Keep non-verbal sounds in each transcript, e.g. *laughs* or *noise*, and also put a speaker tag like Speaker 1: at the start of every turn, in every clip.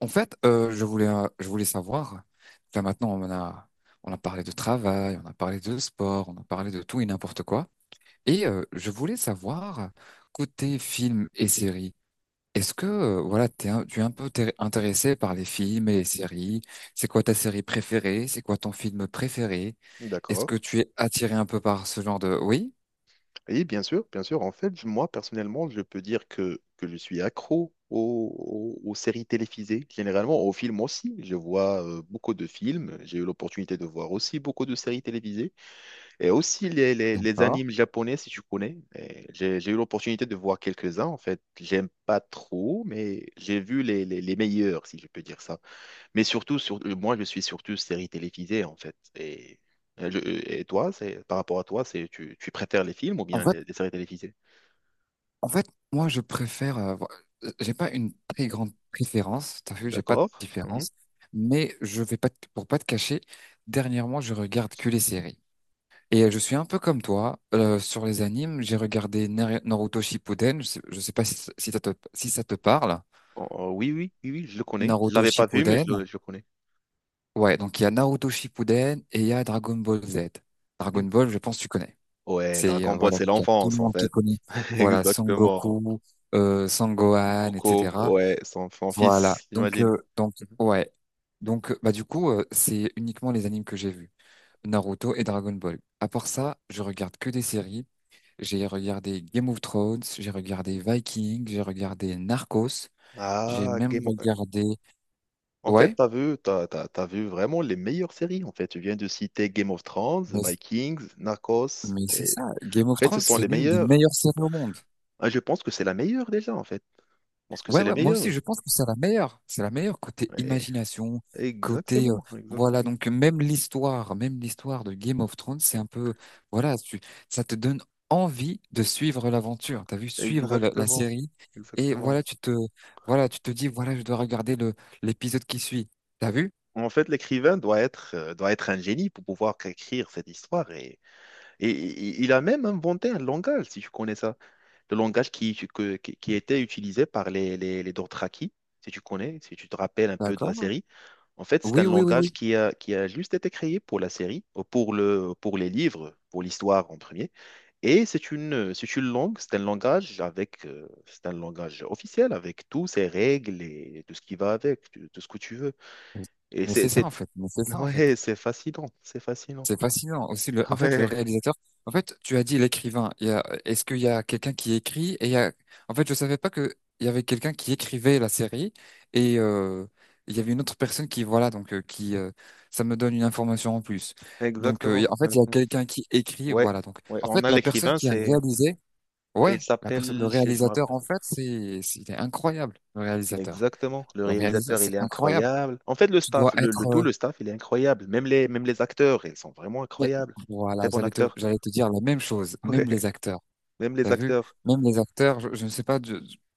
Speaker 1: En fait, je voulais savoir. Là maintenant on a parlé de travail, on a parlé de sport, on a parlé de tout et n'importe quoi. Et je voulais savoir, côté films et séries, est-ce que voilà, tu es un peu intéressé par les films et les séries? C'est quoi ta série préférée? C'est quoi ton film préféré? Est-ce
Speaker 2: D'accord.
Speaker 1: que tu es attiré un peu par ce genre de. Oui?
Speaker 2: Et bien sûr, bien sûr. En fait, moi, personnellement, je peux dire que je suis accro aux séries télévisées, généralement aux films aussi. Je vois beaucoup de films. J'ai eu l'opportunité de voir aussi beaucoup de séries télévisées et aussi les
Speaker 1: D'accord.
Speaker 2: animes japonais, si tu connais. Et J'ai eu l'opportunité de voir quelques-uns. En fait, j'aime pas trop, mais j'ai vu les meilleurs, si je peux dire ça. Mais surtout, moi, je suis surtout série télévisée, en fait. Et toi, c'est, par rapport à toi, c'est, tu préfères les films ou
Speaker 1: En
Speaker 2: bien
Speaker 1: fait,
Speaker 2: les séries télévisées?
Speaker 1: En fait, moi, je préfère. J'ai pas une très grande préférence. T'as vu, j'ai pas de
Speaker 2: D'accord. Mhm.
Speaker 1: différence. Mais je vais pas te- Pour pas te cacher. Dernièrement, je regarde que les séries. Et je suis un peu comme toi, sur les animes. J'ai regardé Naruto Shippuden. Je sais pas si ça te, si ça te parle.
Speaker 2: Oh, oh, oui, oui, oui, oui, je le connais. Je
Speaker 1: Naruto
Speaker 2: l'avais pas vu, mais je
Speaker 1: Shippuden.
Speaker 2: le, je le connais.
Speaker 1: Ouais, donc il y a Naruto Shippuden et il y a Dragon Ball Z. Dragon
Speaker 2: Mm.
Speaker 1: Ball, je pense que tu connais.
Speaker 2: Ouais,
Speaker 1: C'est
Speaker 2: Dragon Ball,
Speaker 1: Voilà,
Speaker 2: c'est
Speaker 1: donc il y a tout le
Speaker 2: l'enfance, en
Speaker 1: monde qui
Speaker 2: fait.
Speaker 1: connaît.
Speaker 2: *laughs*
Speaker 1: Voilà, Son
Speaker 2: Exactement.
Speaker 1: Goku, Son Gohan,
Speaker 2: Coco,
Speaker 1: etc.
Speaker 2: ouais, son
Speaker 1: Voilà.
Speaker 2: fils,
Speaker 1: Donc,
Speaker 2: j'imagine.
Speaker 1: euh, donc,
Speaker 2: Mhm.
Speaker 1: ouais. Donc, bah, du coup, c'est uniquement les animes que j'ai vus. Naruto et Dragon Ball. À part ça, je regarde que des séries. J'ai regardé Game of Thrones, j'ai regardé Vikings, j'ai regardé Narcos, j'ai
Speaker 2: Ah,
Speaker 1: même
Speaker 2: Game of-
Speaker 1: regardé.
Speaker 2: En fait,
Speaker 1: Ouais,
Speaker 2: t'as vu, t'as vu vraiment les meilleures séries. En fait, tu viens de citer Game of Thrones,
Speaker 1: mais,
Speaker 2: Vikings, Narcos.
Speaker 1: mais c'est ça. Game
Speaker 2: En
Speaker 1: of
Speaker 2: fait, ce
Speaker 1: Thrones,
Speaker 2: sont
Speaker 1: c'est
Speaker 2: les
Speaker 1: l'une des
Speaker 2: meilleurs.
Speaker 1: meilleures séries au monde.
Speaker 2: Ah, je pense que c'est la meilleure déjà, en fait. Je pense que
Speaker 1: Ouais,
Speaker 2: c'est la
Speaker 1: ouais, moi aussi,
Speaker 2: meilleure.
Speaker 1: je pense que c'est la meilleure. C'est la meilleure côté
Speaker 2: Ouais.
Speaker 1: imagination, côté, euh,
Speaker 2: Exactement,
Speaker 1: voilà,
Speaker 2: exactement,
Speaker 1: donc même l'histoire de Game of Thrones, c'est un peu, voilà, ça te donne envie de suivre l'aventure. T'as vu, suivre la
Speaker 2: exactement,
Speaker 1: série. Et
Speaker 2: exactement.
Speaker 1: voilà, voilà, tu te dis, voilà, je dois regarder l'épisode qui suit. T'as vu?
Speaker 2: En fait, l'écrivain doit être un génie pour pouvoir écrire cette histoire. Et il a même inventé un langage, si tu connais ça. Le langage qui était utilisé par les Dothraki, si tu connais, si tu te rappelles un peu de la
Speaker 1: D'accord?
Speaker 2: série. En fait, c'est un
Speaker 1: Oui, oui, oui,
Speaker 2: langage
Speaker 1: oui.
Speaker 2: qui a juste été créé pour la série, pour les livres, pour l'histoire en premier. Et c'est une langue, c'est un langage avec, c'est un langage officiel avec toutes ses règles et tout ce qui va avec, tout tout ce que tu veux. Et
Speaker 1: Mais
Speaker 2: c'est,
Speaker 1: c'est ça,
Speaker 2: c'est,
Speaker 1: en fait. Mais c'est ça, en fait.
Speaker 2: ouais, c'est fascinant, c'est fascinant.
Speaker 1: C'est fascinant aussi, en fait, le
Speaker 2: *laughs*
Speaker 1: réalisateur. En fait, tu as dit l'écrivain. Est-ce qu'il y a quelqu'un qui écrit, en fait, je savais pas que il y avait quelqu'un qui écrivait la série, et il y avait une autre personne qui, voilà, donc, qui ça me donne une information en plus.
Speaker 2: Ouais,
Speaker 1: Donc,
Speaker 2: exactement.
Speaker 1: en fait, il y a quelqu'un qui écrit,
Speaker 2: Ouais,
Speaker 1: voilà, donc,
Speaker 2: ouais,
Speaker 1: en
Speaker 2: on
Speaker 1: fait,
Speaker 2: a
Speaker 1: la personne
Speaker 2: l'écrivain,
Speaker 1: qui a
Speaker 2: c'est,
Speaker 1: réalisé,
Speaker 2: il
Speaker 1: ouais, la personne, le
Speaker 2: s'appelle, je me
Speaker 1: réalisateur,
Speaker 2: rappelle-
Speaker 1: en fait, c'est il est incroyable, le réalisateur.
Speaker 2: Exactement. Le
Speaker 1: Le réalisateur,
Speaker 2: réalisateur,
Speaker 1: c'est
Speaker 2: il est
Speaker 1: incroyable.
Speaker 2: incroyable. En fait, le
Speaker 1: Tu dois
Speaker 2: staff, le,
Speaker 1: être.
Speaker 2: le tout, le staff, il est incroyable. Même les acteurs, ils sont vraiment
Speaker 1: Mais-
Speaker 2: incroyables. Très
Speaker 1: voilà,
Speaker 2: bon
Speaker 1: j'allais te,
Speaker 2: acteur.
Speaker 1: j'allais
Speaker 2: *laughs*
Speaker 1: te dire la même chose,
Speaker 2: Ouais.
Speaker 1: même les acteurs.
Speaker 2: Même les
Speaker 1: T'as vu?
Speaker 2: acteurs.
Speaker 1: Même les acteurs, je ne sais pas,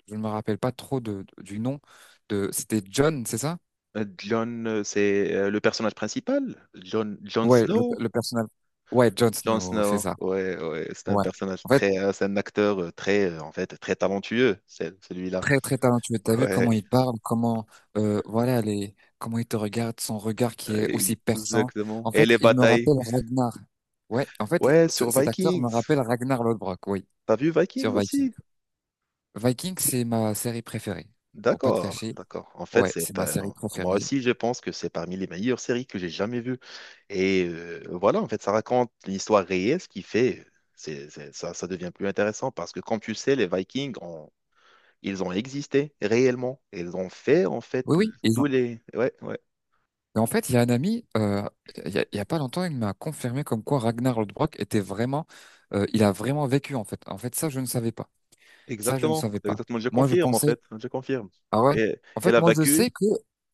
Speaker 1: je ne me rappelle pas trop du nom de. C'était John, c'est ça?
Speaker 2: John, c'est le personnage principal. John
Speaker 1: Ouais,
Speaker 2: Snow.
Speaker 1: le personnage. Ouais, Jon
Speaker 2: John
Speaker 1: Snow, c'est
Speaker 2: Snow.
Speaker 1: ça.
Speaker 2: Ouais, ouais. C'est un
Speaker 1: Ouais.
Speaker 2: personnage
Speaker 1: En fait,
Speaker 2: c'est un acteur, en fait, très talentueux, celui-là.
Speaker 1: très très talentueux. T'as vu
Speaker 2: Ouais,
Speaker 1: comment il parle, comment il te regarde, son regard qui est aussi perçant.
Speaker 2: exactement.
Speaker 1: En
Speaker 2: Et
Speaker 1: fait,
Speaker 2: les
Speaker 1: il me
Speaker 2: batailles.
Speaker 1: rappelle Ragnar. Ouais. En fait,
Speaker 2: Ouais, sur
Speaker 1: cet acteur me rappelle
Speaker 2: Vikings.
Speaker 1: Ragnar Lodbrok. Oui,
Speaker 2: T'as vu Vikings
Speaker 1: sur Viking.
Speaker 2: aussi?
Speaker 1: Viking, c'est ma série préférée. Pour pas te
Speaker 2: D'accord,
Speaker 1: cacher.
Speaker 2: d'accord. En fait,
Speaker 1: Ouais, c'est
Speaker 2: c'est
Speaker 1: ma série
Speaker 2: moi
Speaker 1: préférée.
Speaker 2: aussi, je pense que c'est parmi les meilleures séries que j'ai jamais vues. Et voilà, en fait, ça raconte l'histoire réelle, ce qui fait ça devient plus intéressant parce que, comme tu sais, ils ont existé réellement. Ils ont fait en fait.
Speaker 1: Oui,
Speaker 2: L-
Speaker 1: oui.
Speaker 2: tous les. Ouais, ouais,
Speaker 1: Et en fait, il y a un ami, il y a pas longtemps, il m'a confirmé comme quoi Ragnar Lodbrok était vraiment, il a vraiment vécu, en fait. En fait, ça, je ne savais pas. Ça, je ne
Speaker 2: exactement,
Speaker 1: savais pas.
Speaker 2: exactement. Je
Speaker 1: Moi, je
Speaker 2: confirme en
Speaker 1: pensais,
Speaker 2: fait, je confirme.
Speaker 1: ah ouais.
Speaker 2: Et
Speaker 1: En
Speaker 2: elle
Speaker 1: fait,
Speaker 2: a
Speaker 1: moi, je sais
Speaker 2: vaincu.
Speaker 1: que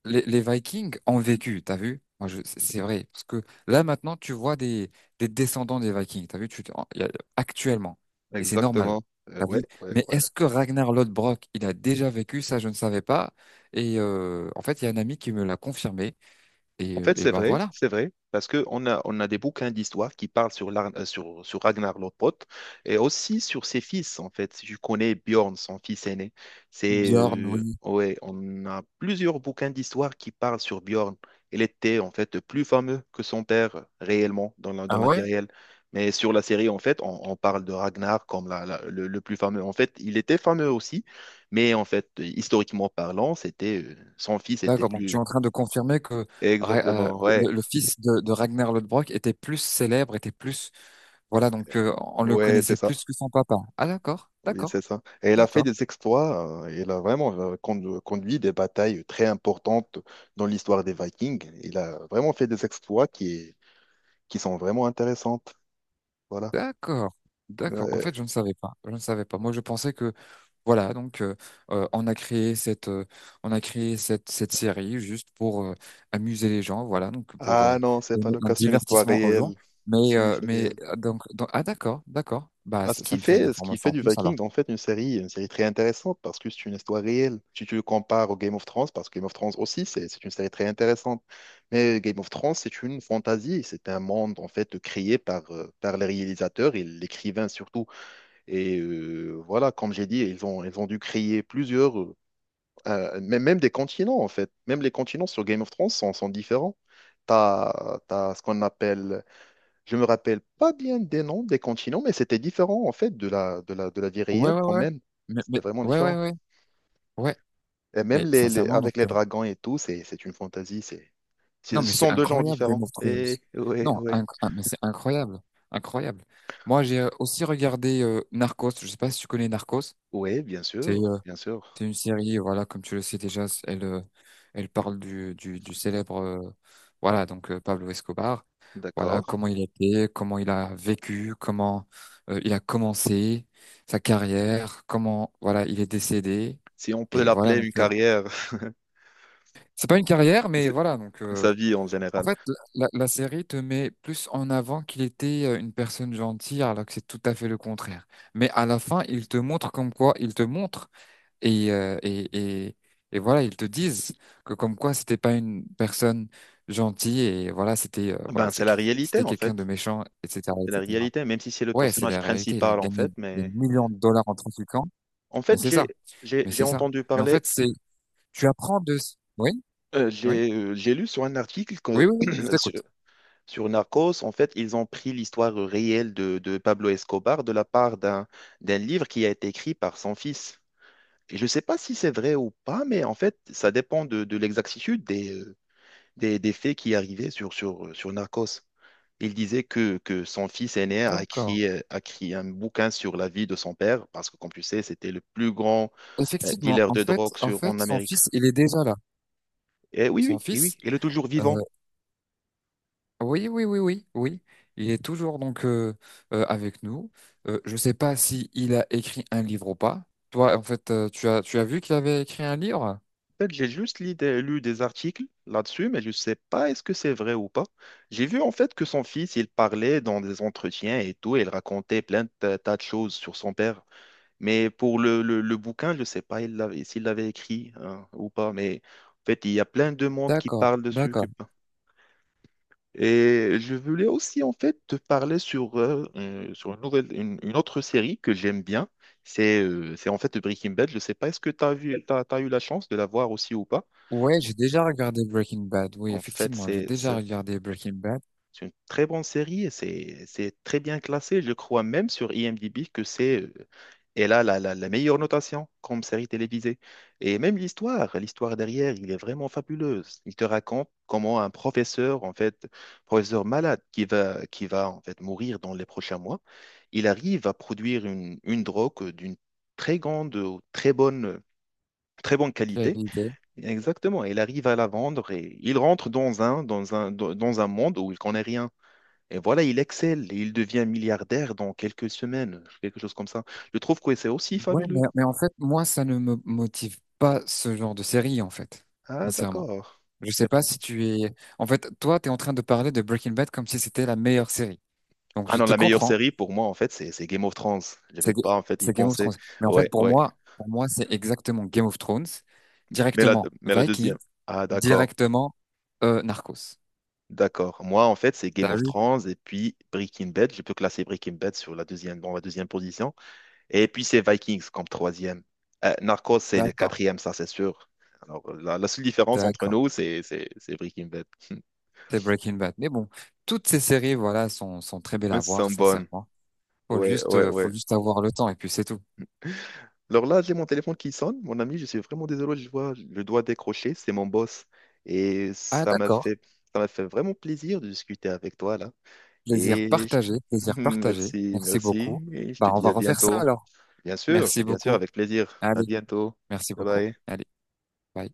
Speaker 1: les Vikings ont vécu. T'as vu? Moi, c'est vrai parce que là maintenant, tu vois des descendants des Vikings. T'as vu? Actuellement, et c'est normal.
Speaker 2: Exactement.
Speaker 1: T'as
Speaker 2: Ouais,
Speaker 1: vu?
Speaker 2: ouais.
Speaker 1: Mais est-ce que Ragnar Lodbrok, il a déjà vécu? Ça, je ne savais pas. Et en fait, il y a un ami qui me l'a confirmé. Et,
Speaker 2: En fait,
Speaker 1: et ben voilà.
Speaker 2: c'est vrai, parce que on a des bouquins d'histoire qui parlent sur Ragnar Lodbrok et aussi sur ses fils, en fait. Si je connais Bjorn, son fils aîné,
Speaker 1: Bjorn, oui.
Speaker 2: ouais, on a plusieurs bouquins d'histoire qui parlent sur Bjorn. Il était, en fait, plus fameux que son père, réellement, dans la, dans
Speaker 1: Ah
Speaker 2: la vie
Speaker 1: ouais?
Speaker 2: réelle. Mais sur la série, en fait, on parle de Ragnar comme le plus fameux. En fait, il était fameux aussi, mais en fait, historiquement parlant, son fils était
Speaker 1: D'accord, donc tu
Speaker 2: plus...
Speaker 1: es en train de confirmer que
Speaker 2: Exactement, ouais.
Speaker 1: le fils de Ragnar Lodbrok était plus célèbre, était plus. Voilà, donc, on le
Speaker 2: Ouais, c'est
Speaker 1: connaissait
Speaker 2: ça.
Speaker 1: plus que son papa. Ah, d'accord,
Speaker 2: Oui,
Speaker 1: d'accord,
Speaker 2: c'est ça. Et elle a fait
Speaker 1: d'accord.
Speaker 2: des exploits. Elle a vraiment conduit des batailles très importantes dans l'histoire des Vikings. Il a vraiment fait des exploits qui sont vraiment intéressantes. Voilà.
Speaker 1: D'accord, d'accord. En
Speaker 2: Ouais.
Speaker 1: fait, je ne savais pas. Je ne savais pas. Moi, je pensais que, voilà, donc, on a créé cette, on a créé cette, cette série juste pour, amuser les gens, voilà, donc pour,
Speaker 2: Ah non, c'est pas
Speaker 1: donner
Speaker 2: le
Speaker 1: un
Speaker 2: cas, c'est une histoire
Speaker 1: divertissement aux gens.
Speaker 2: réelle.
Speaker 1: Mais,
Speaker 2: C'est une
Speaker 1: euh,
Speaker 2: histoire
Speaker 1: mais
Speaker 2: réelle.
Speaker 1: euh, ah, d'accord, d'accord. Bah,
Speaker 2: Ah, ce
Speaker 1: ça
Speaker 2: qui
Speaker 1: me fait une
Speaker 2: fait, ce qui
Speaker 1: information
Speaker 2: fait
Speaker 1: en
Speaker 2: du
Speaker 1: plus
Speaker 2: Viking,
Speaker 1: alors.
Speaker 2: en fait, une série très intéressante parce que c'est une histoire réelle. Si tu le compares au Game of Thrones, parce que Game of Thrones aussi, c'est une série très intéressante. Mais Game of Thrones, c'est une fantaisie. C'est un monde, en fait, créé par les réalisateurs et l'écrivain surtout. Et voilà, comme j'ai dit, ils ont dû créer plusieurs, même des continents, en fait. Même les continents sur Game of Thrones sont différents. Tu as, ce qu'on appelle je me rappelle pas bien des noms des continents, mais c'était différent en fait de la vie
Speaker 1: Ouais,
Speaker 2: réelle
Speaker 1: ouais,
Speaker 2: quand
Speaker 1: ouais.
Speaker 2: même.
Speaker 1: Mais,
Speaker 2: C'était
Speaker 1: mais
Speaker 2: vraiment
Speaker 1: ouais, ouais,
Speaker 2: différent.
Speaker 1: ouais, ouais.
Speaker 2: Et même
Speaker 1: Mais sincèrement,
Speaker 2: avec les dragons et tout, c'est une fantaisie. C'est, c'est-
Speaker 1: non, mais
Speaker 2: ce
Speaker 1: c'est
Speaker 2: sont deux genres
Speaker 1: incroyable, Game
Speaker 2: différents.
Speaker 1: of Thrones.
Speaker 2: Et ouais,
Speaker 1: Non,
Speaker 2: ouais.
Speaker 1: ah, mais c'est incroyable. Incroyable. Moi, j'ai, aussi regardé, Narcos. Je sais pas si tu connais Narcos.
Speaker 2: Ouais, bien
Speaker 1: C'est
Speaker 2: sûr,
Speaker 1: euh,
Speaker 2: bien
Speaker 1: c'est
Speaker 2: sûr.
Speaker 1: une série, voilà, comme tu le sais déjà, elle parle du célèbre, voilà, donc, Pablo Escobar. Voilà,
Speaker 2: D'accord.
Speaker 1: comment il était, comment il a vécu, comment il a commencé sa carrière, comment, voilà, il est décédé.
Speaker 2: Si on peut
Speaker 1: Et voilà,
Speaker 2: l'appeler une carrière,
Speaker 1: c'est pas une carrière,
Speaker 2: *laughs*
Speaker 1: mais
Speaker 2: c'est-
Speaker 1: voilà,
Speaker 2: sa vie en
Speaker 1: en
Speaker 2: général.
Speaker 1: fait, la série te met plus en avant qu'il était, une personne gentille, alors que c'est tout à fait le contraire. Mais à la fin, il te montre comme quoi, il te montre, et, euh, et, et, et voilà, ils te disent que, comme quoi, c'était pas une personne gentille et voilà, c'était, voilà,
Speaker 2: Ben, c'est la réalité
Speaker 1: c'était
Speaker 2: en
Speaker 1: quelqu'un
Speaker 2: fait.
Speaker 1: de méchant, etc.,
Speaker 2: C'est la
Speaker 1: etc.
Speaker 2: réalité, même si c'est le
Speaker 1: Ouais, c'est
Speaker 2: personnage
Speaker 1: la réalité. Il a
Speaker 2: principal en
Speaker 1: gagné
Speaker 2: fait.
Speaker 1: des
Speaker 2: Mais, mais-
Speaker 1: millions de dollars en trafiquant,
Speaker 2: en
Speaker 1: mais
Speaker 2: fait,
Speaker 1: c'est ça, mais
Speaker 2: j'ai
Speaker 1: c'est ça.
Speaker 2: entendu
Speaker 1: Mais en
Speaker 2: parler,
Speaker 1: fait, c'est tu apprends de. Oui, oui,
Speaker 2: j'ai lu sur un article
Speaker 1: oui,
Speaker 2: que
Speaker 1: oui, oui, je t'écoute.
Speaker 2: *clears throat* Sur Narcos, en fait, ils ont pris l'histoire réelle de Pablo Escobar de la part d'un d'un livre qui a été écrit par son fils. Et je ne sais pas si c'est vrai ou pas, mais en fait, ça dépend de l'exactitude des faits qui arrivaient sur Narcos. Il disait que son fils aîné a
Speaker 1: D'accord.
Speaker 2: écrit, euh, a écrit un bouquin sur la vie de son père, parce que, comme tu sais, c'était le plus grand
Speaker 1: Effectivement,
Speaker 2: dealer
Speaker 1: en
Speaker 2: de
Speaker 1: fait,
Speaker 2: drogue
Speaker 1: en fait,
Speaker 2: en
Speaker 1: son
Speaker 2: Amérique.
Speaker 1: fils, il est déjà là.
Speaker 2: Et oui,
Speaker 1: Son
Speaker 2: oui, et
Speaker 1: fils,
Speaker 2: oui, il est toujours vivant.
Speaker 1: euh, oui, oui, oui, oui, oui, il est toujours, donc, avec nous. Je sais pas si il a écrit un livre ou pas. Toi, en fait, tu as vu qu'il avait écrit un livre?
Speaker 2: En fait, j'ai juste lu des articles là-dessus, mais je ne sais pas est-ce que c'est vrai ou pas. J'ai vu en fait que son fils, il parlait dans des entretiens et tout, et il racontait plein de tas de choses sur son père. Mais pour le bouquin, je ne sais pas s'il l'avait écrit hein, ou pas. Mais en fait, il y a plein de monde qui
Speaker 1: D'accord,
Speaker 2: parle dessus.
Speaker 1: d'accord.
Speaker 2: Et je voulais aussi en fait te parler sur une autre série que j'aime bien. C'est en fait Breaking Bad. Je ne sais pas, est-ce que tu as vu, t'as eu la chance de la voir aussi ou pas?
Speaker 1: Ouais, j'ai déjà regardé Breaking Bad. Oui,
Speaker 2: En fait,
Speaker 1: effectivement, j'ai
Speaker 2: c'est
Speaker 1: déjà
Speaker 2: c'est
Speaker 1: regardé Breaking Bad.
Speaker 2: une très bonne série et c'est très bien classé. Je crois même sur IMDb que c'est elle a la meilleure notation comme série télévisée. Et même l'histoire, l'histoire derrière, il est vraiment fabuleuse. Il te raconte comment un professeur, en fait, professeur malade qui va en fait mourir dans les prochains mois, il arrive à produire une drogue d'une très grande, très bonne, très bonne
Speaker 1: Quelle
Speaker 2: qualité.
Speaker 1: idée.
Speaker 2: Exactement, il arrive à la vendre et il rentre dans un monde où il connaît rien. Et voilà, il excelle et il devient milliardaire dans quelques semaines, quelque chose comme ça. Je trouve que c'est aussi
Speaker 1: Ouais, mais,
Speaker 2: fabuleux.
Speaker 1: mais en fait, moi, ça ne me motive pas ce genre de série, en fait,
Speaker 2: Ah,
Speaker 1: sincèrement.
Speaker 2: d'accord.
Speaker 1: Je
Speaker 2: Et
Speaker 1: sais
Speaker 2: p-
Speaker 1: pas si tu es. En fait, toi, tu es en train de parler de Breaking Bad comme si c'était la meilleure série. Donc,
Speaker 2: Ah
Speaker 1: je
Speaker 2: non,
Speaker 1: te
Speaker 2: la meilleure
Speaker 1: comprends.
Speaker 2: série pour moi, en fait, c'est Game of Thrones. Je J'avais
Speaker 1: C'est Ga-
Speaker 2: pas, en fait, y
Speaker 1: c'est Game of
Speaker 2: pensé.
Speaker 1: Thrones. Mais en
Speaker 2: Ouais,
Speaker 1: fait, pour
Speaker 2: ouais.
Speaker 1: moi, pour moi, c'est exactement Game of Thrones,
Speaker 2: Mais la,
Speaker 1: directement
Speaker 2: mais la deuxième.
Speaker 1: Vikings,
Speaker 2: Ah, d'accord,
Speaker 1: directement, Narcos.
Speaker 2: d'accord. Moi, en fait, c'est Game
Speaker 1: T'as
Speaker 2: of
Speaker 1: vu?
Speaker 2: Thrones et puis Breaking Bad. Je peux classer Breaking Bad dans la deuxième position. Et puis, c'est Vikings comme troisième. Narcos, c'est le
Speaker 1: D'accord,
Speaker 2: quatrième, ça, c'est sûr. Alors, la seule différence entre
Speaker 1: d'accord.
Speaker 2: nous, c'est Breaking Bad. *laughs*
Speaker 1: C'est Breaking Bad. Mais bon, toutes ces séries, voilà, sont très belles
Speaker 2: Ouais,
Speaker 1: à
Speaker 2: C'est
Speaker 1: voir,
Speaker 2: sont bonnes.
Speaker 1: sincèrement. Faut
Speaker 2: Ouais,
Speaker 1: juste,
Speaker 2: ouais,
Speaker 1: euh, faut
Speaker 2: ouais.
Speaker 1: juste avoir le temps et puis c'est tout.
Speaker 2: Alors là, j'ai mon téléphone qui sonne. Mon ami, je suis vraiment désolé, je vois, je dois décrocher. C'est mon boss. Et
Speaker 1: Ah, d'accord.
Speaker 2: ça m'a fait vraiment plaisir de discuter avec toi, là.
Speaker 1: Plaisir
Speaker 2: Et je-
Speaker 1: partagé, plaisir
Speaker 2: *laughs*
Speaker 1: partagé.
Speaker 2: merci,
Speaker 1: Merci
Speaker 2: merci.
Speaker 1: beaucoup.
Speaker 2: Et je te
Speaker 1: Bah, on
Speaker 2: dis
Speaker 1: va
Speaker 2: à
Speaker 1: refaire ça
Speaker 2: bientôt.
Speaker 1: alors. Merci
Speaker 2: Bien sûr,
Speaker 1: beaucoup.
Speaker 2: avec plaisir. À
Speaker 1: Allez.
Speaker 2: bientôt.
Speaker 1: Merci
Speaker 2: Bye
Speaker 1: beaucoup.
Speaker 2: bye.
Speaker 1: Allez, bye.